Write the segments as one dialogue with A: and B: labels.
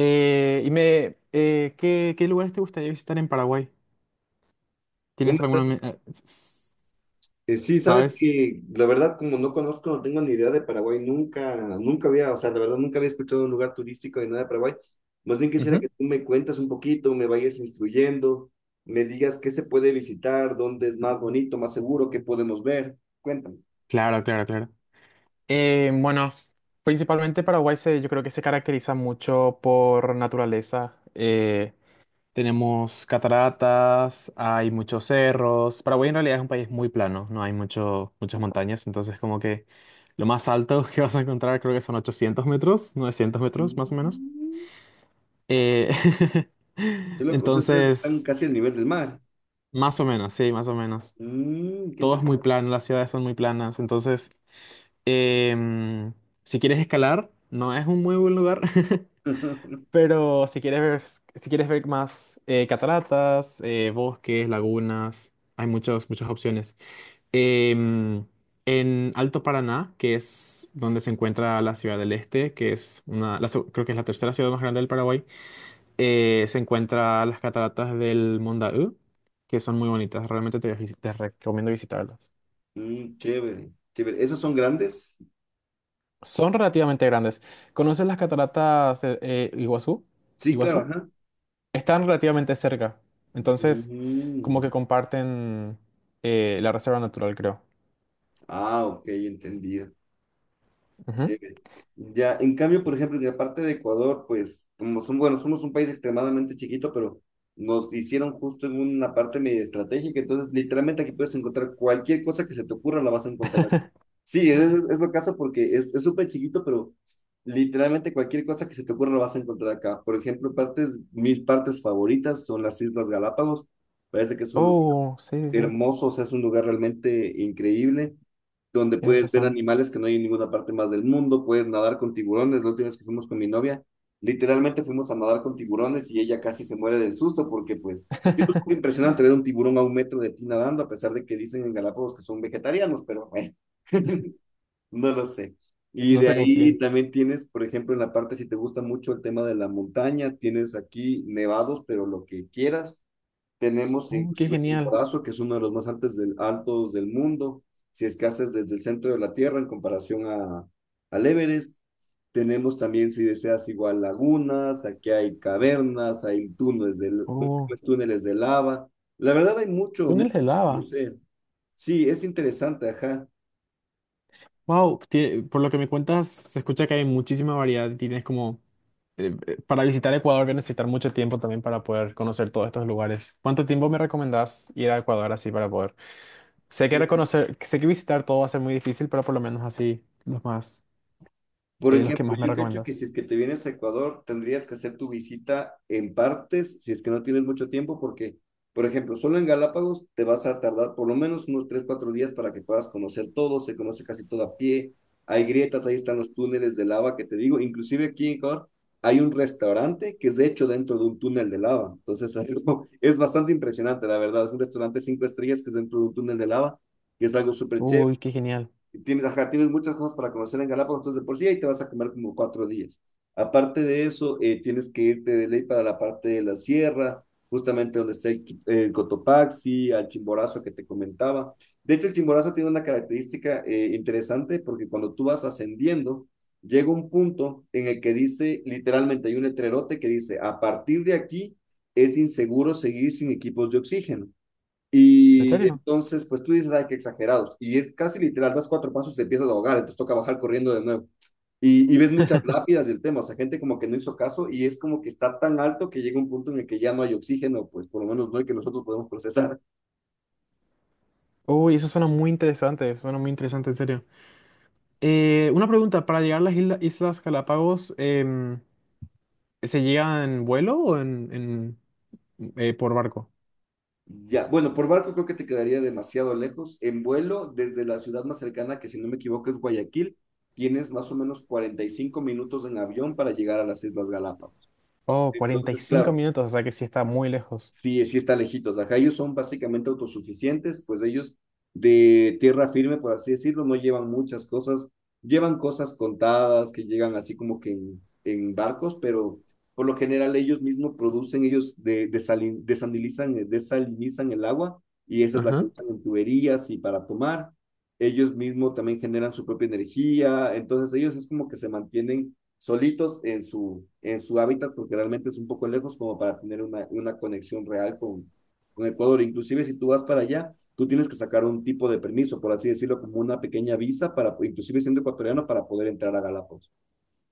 A: Y me, ¿qué, qué lugares te gustaría visitar en Paraguay?
B: ¿Cómo
A: ¿Tienes alguna...
B: estás?
A: me- s- s-
B: Sí, sabes
A: ¿Sabes?
B: que la verdad, como no conozco, no tengo ni idea de Paraguay, nunca había, o sea, la verdad, nunca había escuchado de un lugar turístico de nada de Paraguay. Más bien quisiera que
A: Ujú.
B: tú me cuentas un poquito, me vayas instruyendo, me digas qué se puede visitar, dónde es más bonito, más seguro, qué podemos ver. Cuéntame.
A: Claro, claro, claro. Bueno, principalmente yo creo que se caracteriza mucho por naturaleza. Tenemos cataratas, hay muchos cerros. Paraguay en realidad es un país muy plano, no hay mucho, muchas montañas, entonces como que lo más alto que vas a encontrar creo que son 800 metros, 900 metros más o menos.
B: Mm,
A: Eh,
B: qué loco, o sea, ustedes están
A: entonces,
B: casi al nivel del mar.
A: más o menos, sí, más o menos.
B: Mm, qué
A: Todo es muy
B: interesante.
A: plano, las ciudades son muy planas. Entonces, em, si quieres escalar, no es un muy buen lugar. Pero si quieres si quieres ver más cataratas, bosques, lagunas, hay muchas opciones. Em, en Alto Paraná, que es donde se encuentra la Ciudad del Este, que es creo que es la 3.ª ciudad más grande del Paraguay. Se encuentra las cataratas del Mondaú, que son muy bonitas. Realmente te recomiendo visitarlas.
B: Mm, chévere, chévere. ¿Esos son grandes?
A: Son relativamente grandes. ¿Conoces las cataratas de, Iguazú?
B: Sí, claro,
A: Iguazú.
B: ajá.
A: Están relativamente cerca. Entonces, como
B: Mm.
A: que comparten la reserva natural, creo.
B: Ah, ok, entendido.
A: Ujú.
B: Chévere. Ya, en cambio, por ejemplo, en la parte de Ecuador, pues, como son, bueno, somos un país extremadamente chiquito, pero nos hicieron justo en una parte medio estratégica, entonces literalmente aquí puedes encontrar cualquier cosa que se te ocurra, la vas a encontrar acá. Sí, es lo caso porque es súper chiquito, pero literalmente cualquier cosa que se te ocurra la vas a encontrar acá. Por ejemplo, partes, mis partes favoritas son las Islas Galápagos, parece que es un lugar
A: Oh, sí, sí, sí.
B: hermoso, o sea, es un lugar realmente increíble donde
A: Tienes
B: puedes ver
A: razón.
B: animales que no hay en ninguna parte más del mundo, puedes nadar con tiburones. La última vez que fuimos con mi novia, literalmente fuimos a nadar con tiburones y ella casi se muere del susto porque pues es un poco impresionante ver un tiburón a un metro de ti nadando, a pesar de que dicen en Galápagos que son vegetarianos, pero bueno, no lo sé. Y
A: No
B: de
A: se
B: ahí
A: confíen.
B: también tienes, por ejemplo, en la parte, si te gusta mucho el tema de la montaña, tienes aquí nevados, pero lo que quieras. Tenemos
A: Oh, qué
B: inclusive
A: genial.
B: Chimborazo, que es uno de los más altos del mundo, si es que haces desde el centro de la Tierra en comparación a, al Everest. Tenemos también, si deseas, igual lagunas, aquí hay cavernas, hay túneles de,
A: Oh,
B: pues, túneles de lava. La verdad hay mucho,
A: túneles de
B: no
A: lava.
B: sé. Sí, es interesante, ajá.
A: Wow, por lo que me cuentas, se escucha que hay muchísima variedad. Tienes como para visitar Ecuador voy a necesitar mucho tiempo también para poder conocer todos estos lugares. ¿Cuánto tiempo me recomendás ir a Ecuador así para poder? Sé que visitar todo va a ser muy difícil, pero por lo menos así los
B: Por
A: los que
B: ejemplo,
A: más me
B: yo creo que
A: recomendás.
B: si es que te vienes a Ecuador, tendrías que hacer tu visita en partes, si es que no tienes mucho tiempo, porque, por ejemplo, solo en Galápagos te vas a tardar por lo menos unos 3 4 días para que puedas conocer todo, se conoce casi todo a pie, hay grietas, ahí están los túneles de lava que te digo, inclusive aquí en Ecuador hay un restaurante que es hecho dentro de un túnel de lava, entonces es bastante impresionante, la verdad, es un restaurante cinco estrellas que es dentro de un túnel de lava, que es algo súper
A: Uy,
B: chévere.
A: qué genial.
B: Tienes, ajá, tienes muchas cosas para conocer en Galápagos, entonces de por sí ahí te vas a comer como cuatro días. Aparte de eso, tienes que irte de ley para la parte de la sierra, justamente donde está el Cotopaxi, al Chimborazo que te comentaba. De hecho, el Chimborazo tiene una característica interesante porque cuando tú vas ascendiendo, llega un punto en el que dice, literalmente hay un letrerote que dice, a partir de aquí es inseguro seguir sin equipos de oxígeno.
A: ¿En
B: Y
A: serio?
B: entonces, pues tú dices, ay, qué exagerados. Y es casi literal, das cuatro pasos, y te empiezas a ahogar, entonces toca bajar corriendo de nuevo. Y ves muchas lápidas del tema, o sea, gente como que no hizo caso y es como que está tan alto que llega un punto en el que ya no hay oxígeno, pues por lo menos no hay que nosotros podemos procesar.
A: Uy, eso suena muy interesante, en serio. Una pregunta, para llegar a las Islas Galápagos, ¿se llega en vuelo o en por barco?
B: Ya, bueno, por barco creo que te quedaría demasiado lejos. En vuelo, desde la ciudad más cercana, que si no me equivoco es Guayaquil, tienes más o menos 45 minutos en avión para llegar a las Islas Galápagos.
A: Oh, cuarenta y
B: Entonces,
A: cinco
B: claro,
A: minutos, o sea que sí está muy lejos.
B: sí, sí está lejitos. Acá ellos son básicamente autosuficientes, pues ellos de tierra firme, por así decirlo, no llevan muchas cosas, llevan cosas contadas que llegan así como que en barcos, pero por lo general ellos mismos producen, ellos de, desalin, desalinizan, desalinizan el agua y esa es la que
A: Ajá.
B: usan en tuberías y para tomar. Ellos mismos también generan su propia energía, entonces ellos es como que se mantienen solitos en su hábitat, porque realmente es un poco lejos como para tener una conexión real con Ecuador. Inclusive si tú vas para allá, tú tienes que sacar un tipo de permiso, por así decirlo, como una pequeña visa para, inclusive siendo ecuatoriano, para poder entrar a Galápagos.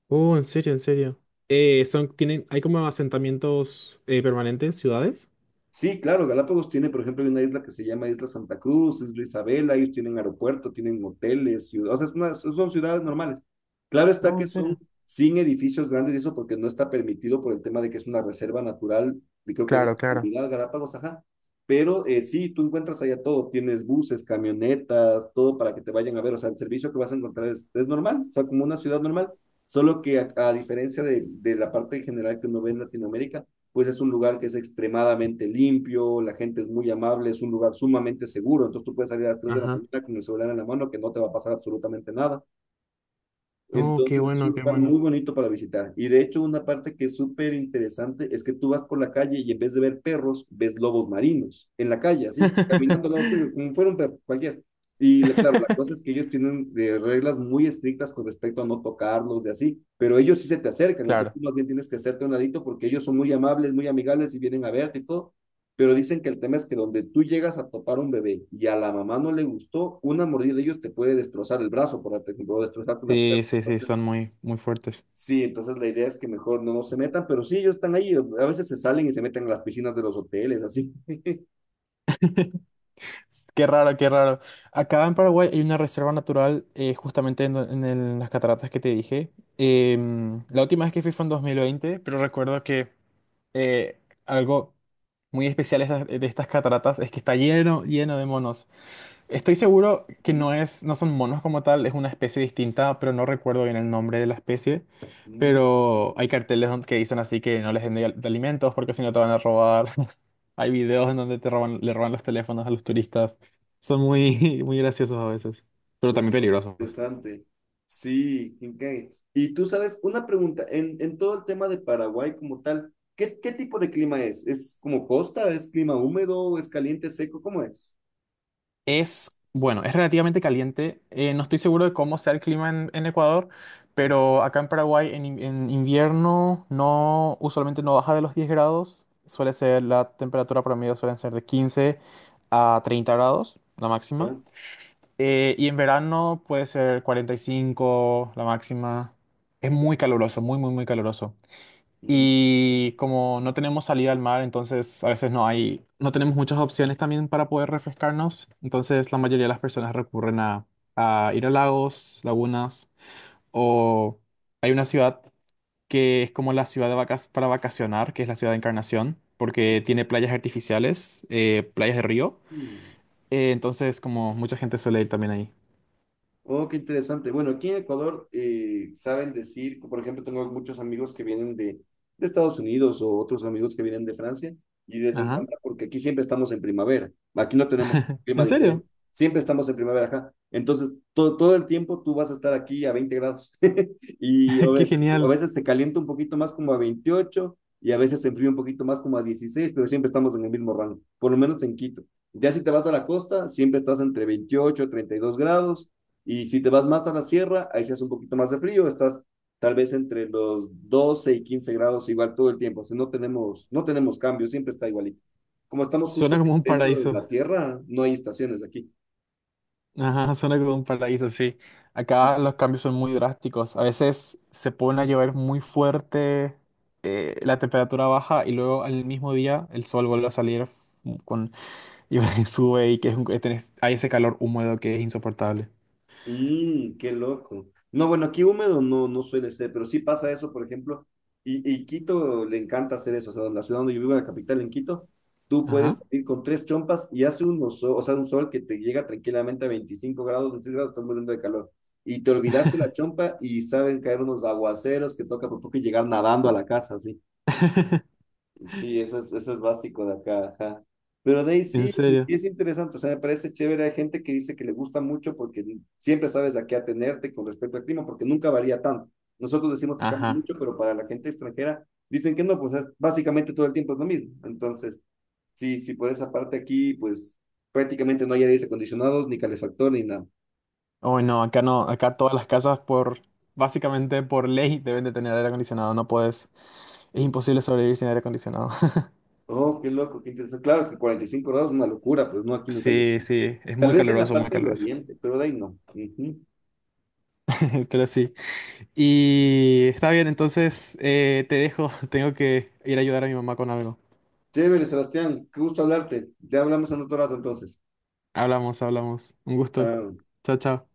A: Oh, en serio, en serio. ¿Hay como asentamientos permanentes, ciudades?
B: Sí, claro, Galápagos tiene, por ejemplo, hay una isla que se llama Isla Santa Cruz, Isla Isabela, ellos tienen aeropuerto, tienen hoteles, ciudades, o sea, son ciudades normales. Claro está
A: Oh,
B: que
A: en
B: son
A: serio.
B: sin edificios grandes y eso porque no está permitido por el tema de que es una reserva natural, y creo que de
A: Claro,
B: la
A: claro.
B: humanidad, Galápagos, ajá. Pero sí, tú encuentras allá todo, tienes buses, camionetas, todo para que te vayan a ver, o sea, el servicio que vas a encontrar es normal, o sea, como una ciudad normal, solo que a diferencia de la parte general que uno ve en Latinoamérica, pues es un lugar que es extremadamente limpio, la gente es muy amable, es un lugar sumamente seguro, entonces tú puedes salir a las tres de la
A: Ajá.
B: mañana con el celular en la mano que no te va a pasar absolutamente nada.
A: Oh, qué
B: Entonces es un
A: bueno, qué
B: lugar muy
A: bueno.
B: bonito para visitar. Y de hecho, una parte que es súper interesante es que tú vas por la calle y en vez de ver perros, ves lobos marinos en la calle, así, caminando al lado tuyo, como fuera un perro, cualquier. Claro, la cosa es que ellos tienen reglas muy estrictas con respecto a no tocarlos, de así, pero ellos sí se te acercan, entonces
A: Claro.
B: tú más bien tienes que hacerte a un ladito porque ellos son muy amables, muy amigables y vienen a verte y todo. Pero dicen que el tema es que donde tú llegas a topar un bebé y a la mamá no le gustó, una mordida de ellos te puede destrozar el brazo, por ejemplo, o destrozarte una
A: Sí,
B: pierna.
A: sí, sí,
B: Entonces,
A: son muy fuertes.
B: sí, entonces la idea es que mejor no se metan, pero sí, ellos están ahí. A veces se salen y se meten en las piscinas de los hoteles, así.
A: Qué raro, qué raro. Acá en Paraguay hay una reserva natural justamente en las cataratas que te dije. La última vez que fui fue en 2020, pero recuerdo que eh, algo muy especial de estas cataratas es que está lleno, lleno de monos. Estoy seguro que no son monos como tal, es una especie distinta, pero no recuerdo bien el nombre de la especie.
B: Mm,
A: Pero hay carteles que dicen así que no les den de alimentos porque si no te van a robar. Hay videos en donde te roban, le roban los teléfonos a los turistas. Son muy graciosos a veces, pero
B: no,
A: también
B: no,
A: peligrosos.
B: interesante. Sí, qué. Y tú sabes, una pregunta, en todo el tema de Paraguay como tal, ¿qué tipo de clima es? ¿Es como costa? ¿Es clima húmedo? ¿Es caliente, seco? ¿Cómo es?
A: Es, bueno, es relativamente caliente. No estoy seguro de cómo sea el clima en Ecuador,
B: Mm.
A: pero acá en Paraguay en invierno no, usualmente no baja de los 10 grados. Suele ser, la temperatura promedio suelen ser de 15 a 30 grados, la máxima.
B: ¿Ya?
A: Y en verano puede ser 45 la máxima. Es muy caluroso, muy, muy, muy caluroso. Y como no tenemos salida al mar, entonces a veces no tenemos muchas opciones también para poder refrescarnos. Entonces la mayoría de las personas recurren a ir a lagos, lagunas, o hay una ciudad que es como la ciudad de vacas para vacacionar, que es la ciudad de Encarnación, porque tiene playas artificiales, playas de río.
B: Mm.
A: Entonces como mucha gente suele ir también ahí.
B: Oh, qué interesante. Bueno, aquí en Ecuador saben decir, por ejemplo, tengo muchos amigos que vienen de Estados Unidos o otros amigos que vienen de Francia y les
A: Ajá.
B: encanta porque aquí siempre estamos en primavera. Aquí no tenemos un clima
A: ¿En
B: diferente.
A: serio?
B: Siempre estamos en primavera acá. Entonces, todo el tiempo tú vas a estar aquí a 20 grados y
A: ¡Qué
B: a
A: genial!
B: veces se calienta un poquito más como a 28 y a veces se enfría un poquito más como a 16, pero siempre estamos en el mismo rango, por lo menos en Quito. Ya si te vas a la costa, siempre estás entre 28 y 32 grados y si te vas más a la sierra, ahí se hace un poquito más de frío, estás tal vez entre los 12 y 15 grados igual todo el tiempo, o sea, no tenemos, no tenemos cambios, siempre está igualito. Como estamos justo
A: Suena
B: en
A: como
B: el
A: un
B: centro de
A: paraíso.
B: la Tierra, no hay estaciones aquí.
A: Ajá, suena como un paraíso, sí. Acá los cambios son muy drásticos. A veces se pone a llover muy fuerte, la temperatura baja y luego al mismo día el sol vuelve a salir con, y sube y que es un- tenés- hay ese calor húmedo que es insoportable.
B: Mm, qué loco. No, bueno, aquí húmedo no, no suele ser, pero sí pasa eso, por ejemplo, y Quito le encanta hacer eso, o sea, la ciudad donde yo vivo, la capital en Quito, tú
A: Ajá.
B: puedes salir con tres chompas y hace un sol, o sea, un sol que te llega tranquilamente a 25 grados, 26 grados, estás muriendo de calor, y te olvidaste la chompa y saben caer unos aguaceros que toca por poco y llegar nadando a la casa, así. Sí, eso es básico de acá, ajá. Pero de ahí
A: ¿En
B: sí,
A: serio?
B: es interesante, o sea, me parece chévere. Hay gente que dice que le gusta mucho porque siempre sabes a qué atenerte con respecto al clima, porque nunca varía tanto. Nosotros decimos que cambia
A: Ajá.
B: mucho, pero para la gente extranjera dicen que no, básicamente todo el tiempo es lo mismo. Entonces, sí, sí, por esa parte aquí, pues prácticamente no hay aires acondicionados, ni calefactor, ni nada.
A: Oh, no, acá no, acá todas las casas básicamente por ley deben de tener aire acondicionado, no puedes, es
B: Mm.
A: imposible sobrevivir sin aire acondicionado.
B: Oh, qué loco, qué interesante. Claro, es que 45 grados es una locura, pues no, aquí nunca llega.
A: Sí, sí, es
B: Tal
A: muy
B: vez en la
A: caluroso, muy
B: parte del
A: caluroso.
B: oriente, pero de ahí no. Ujú.
A: Pero sí. Y está bien, entonces te dejo. Tengo que ir a ayudar a mi mamá con algo.
B: Chévere, Sebastián, qué gusto hablarte. Ya hablamos en otro rato entonces.
A: Hablamos, hablamos. Un gusto.
B: Chao.
A: Chao, chao.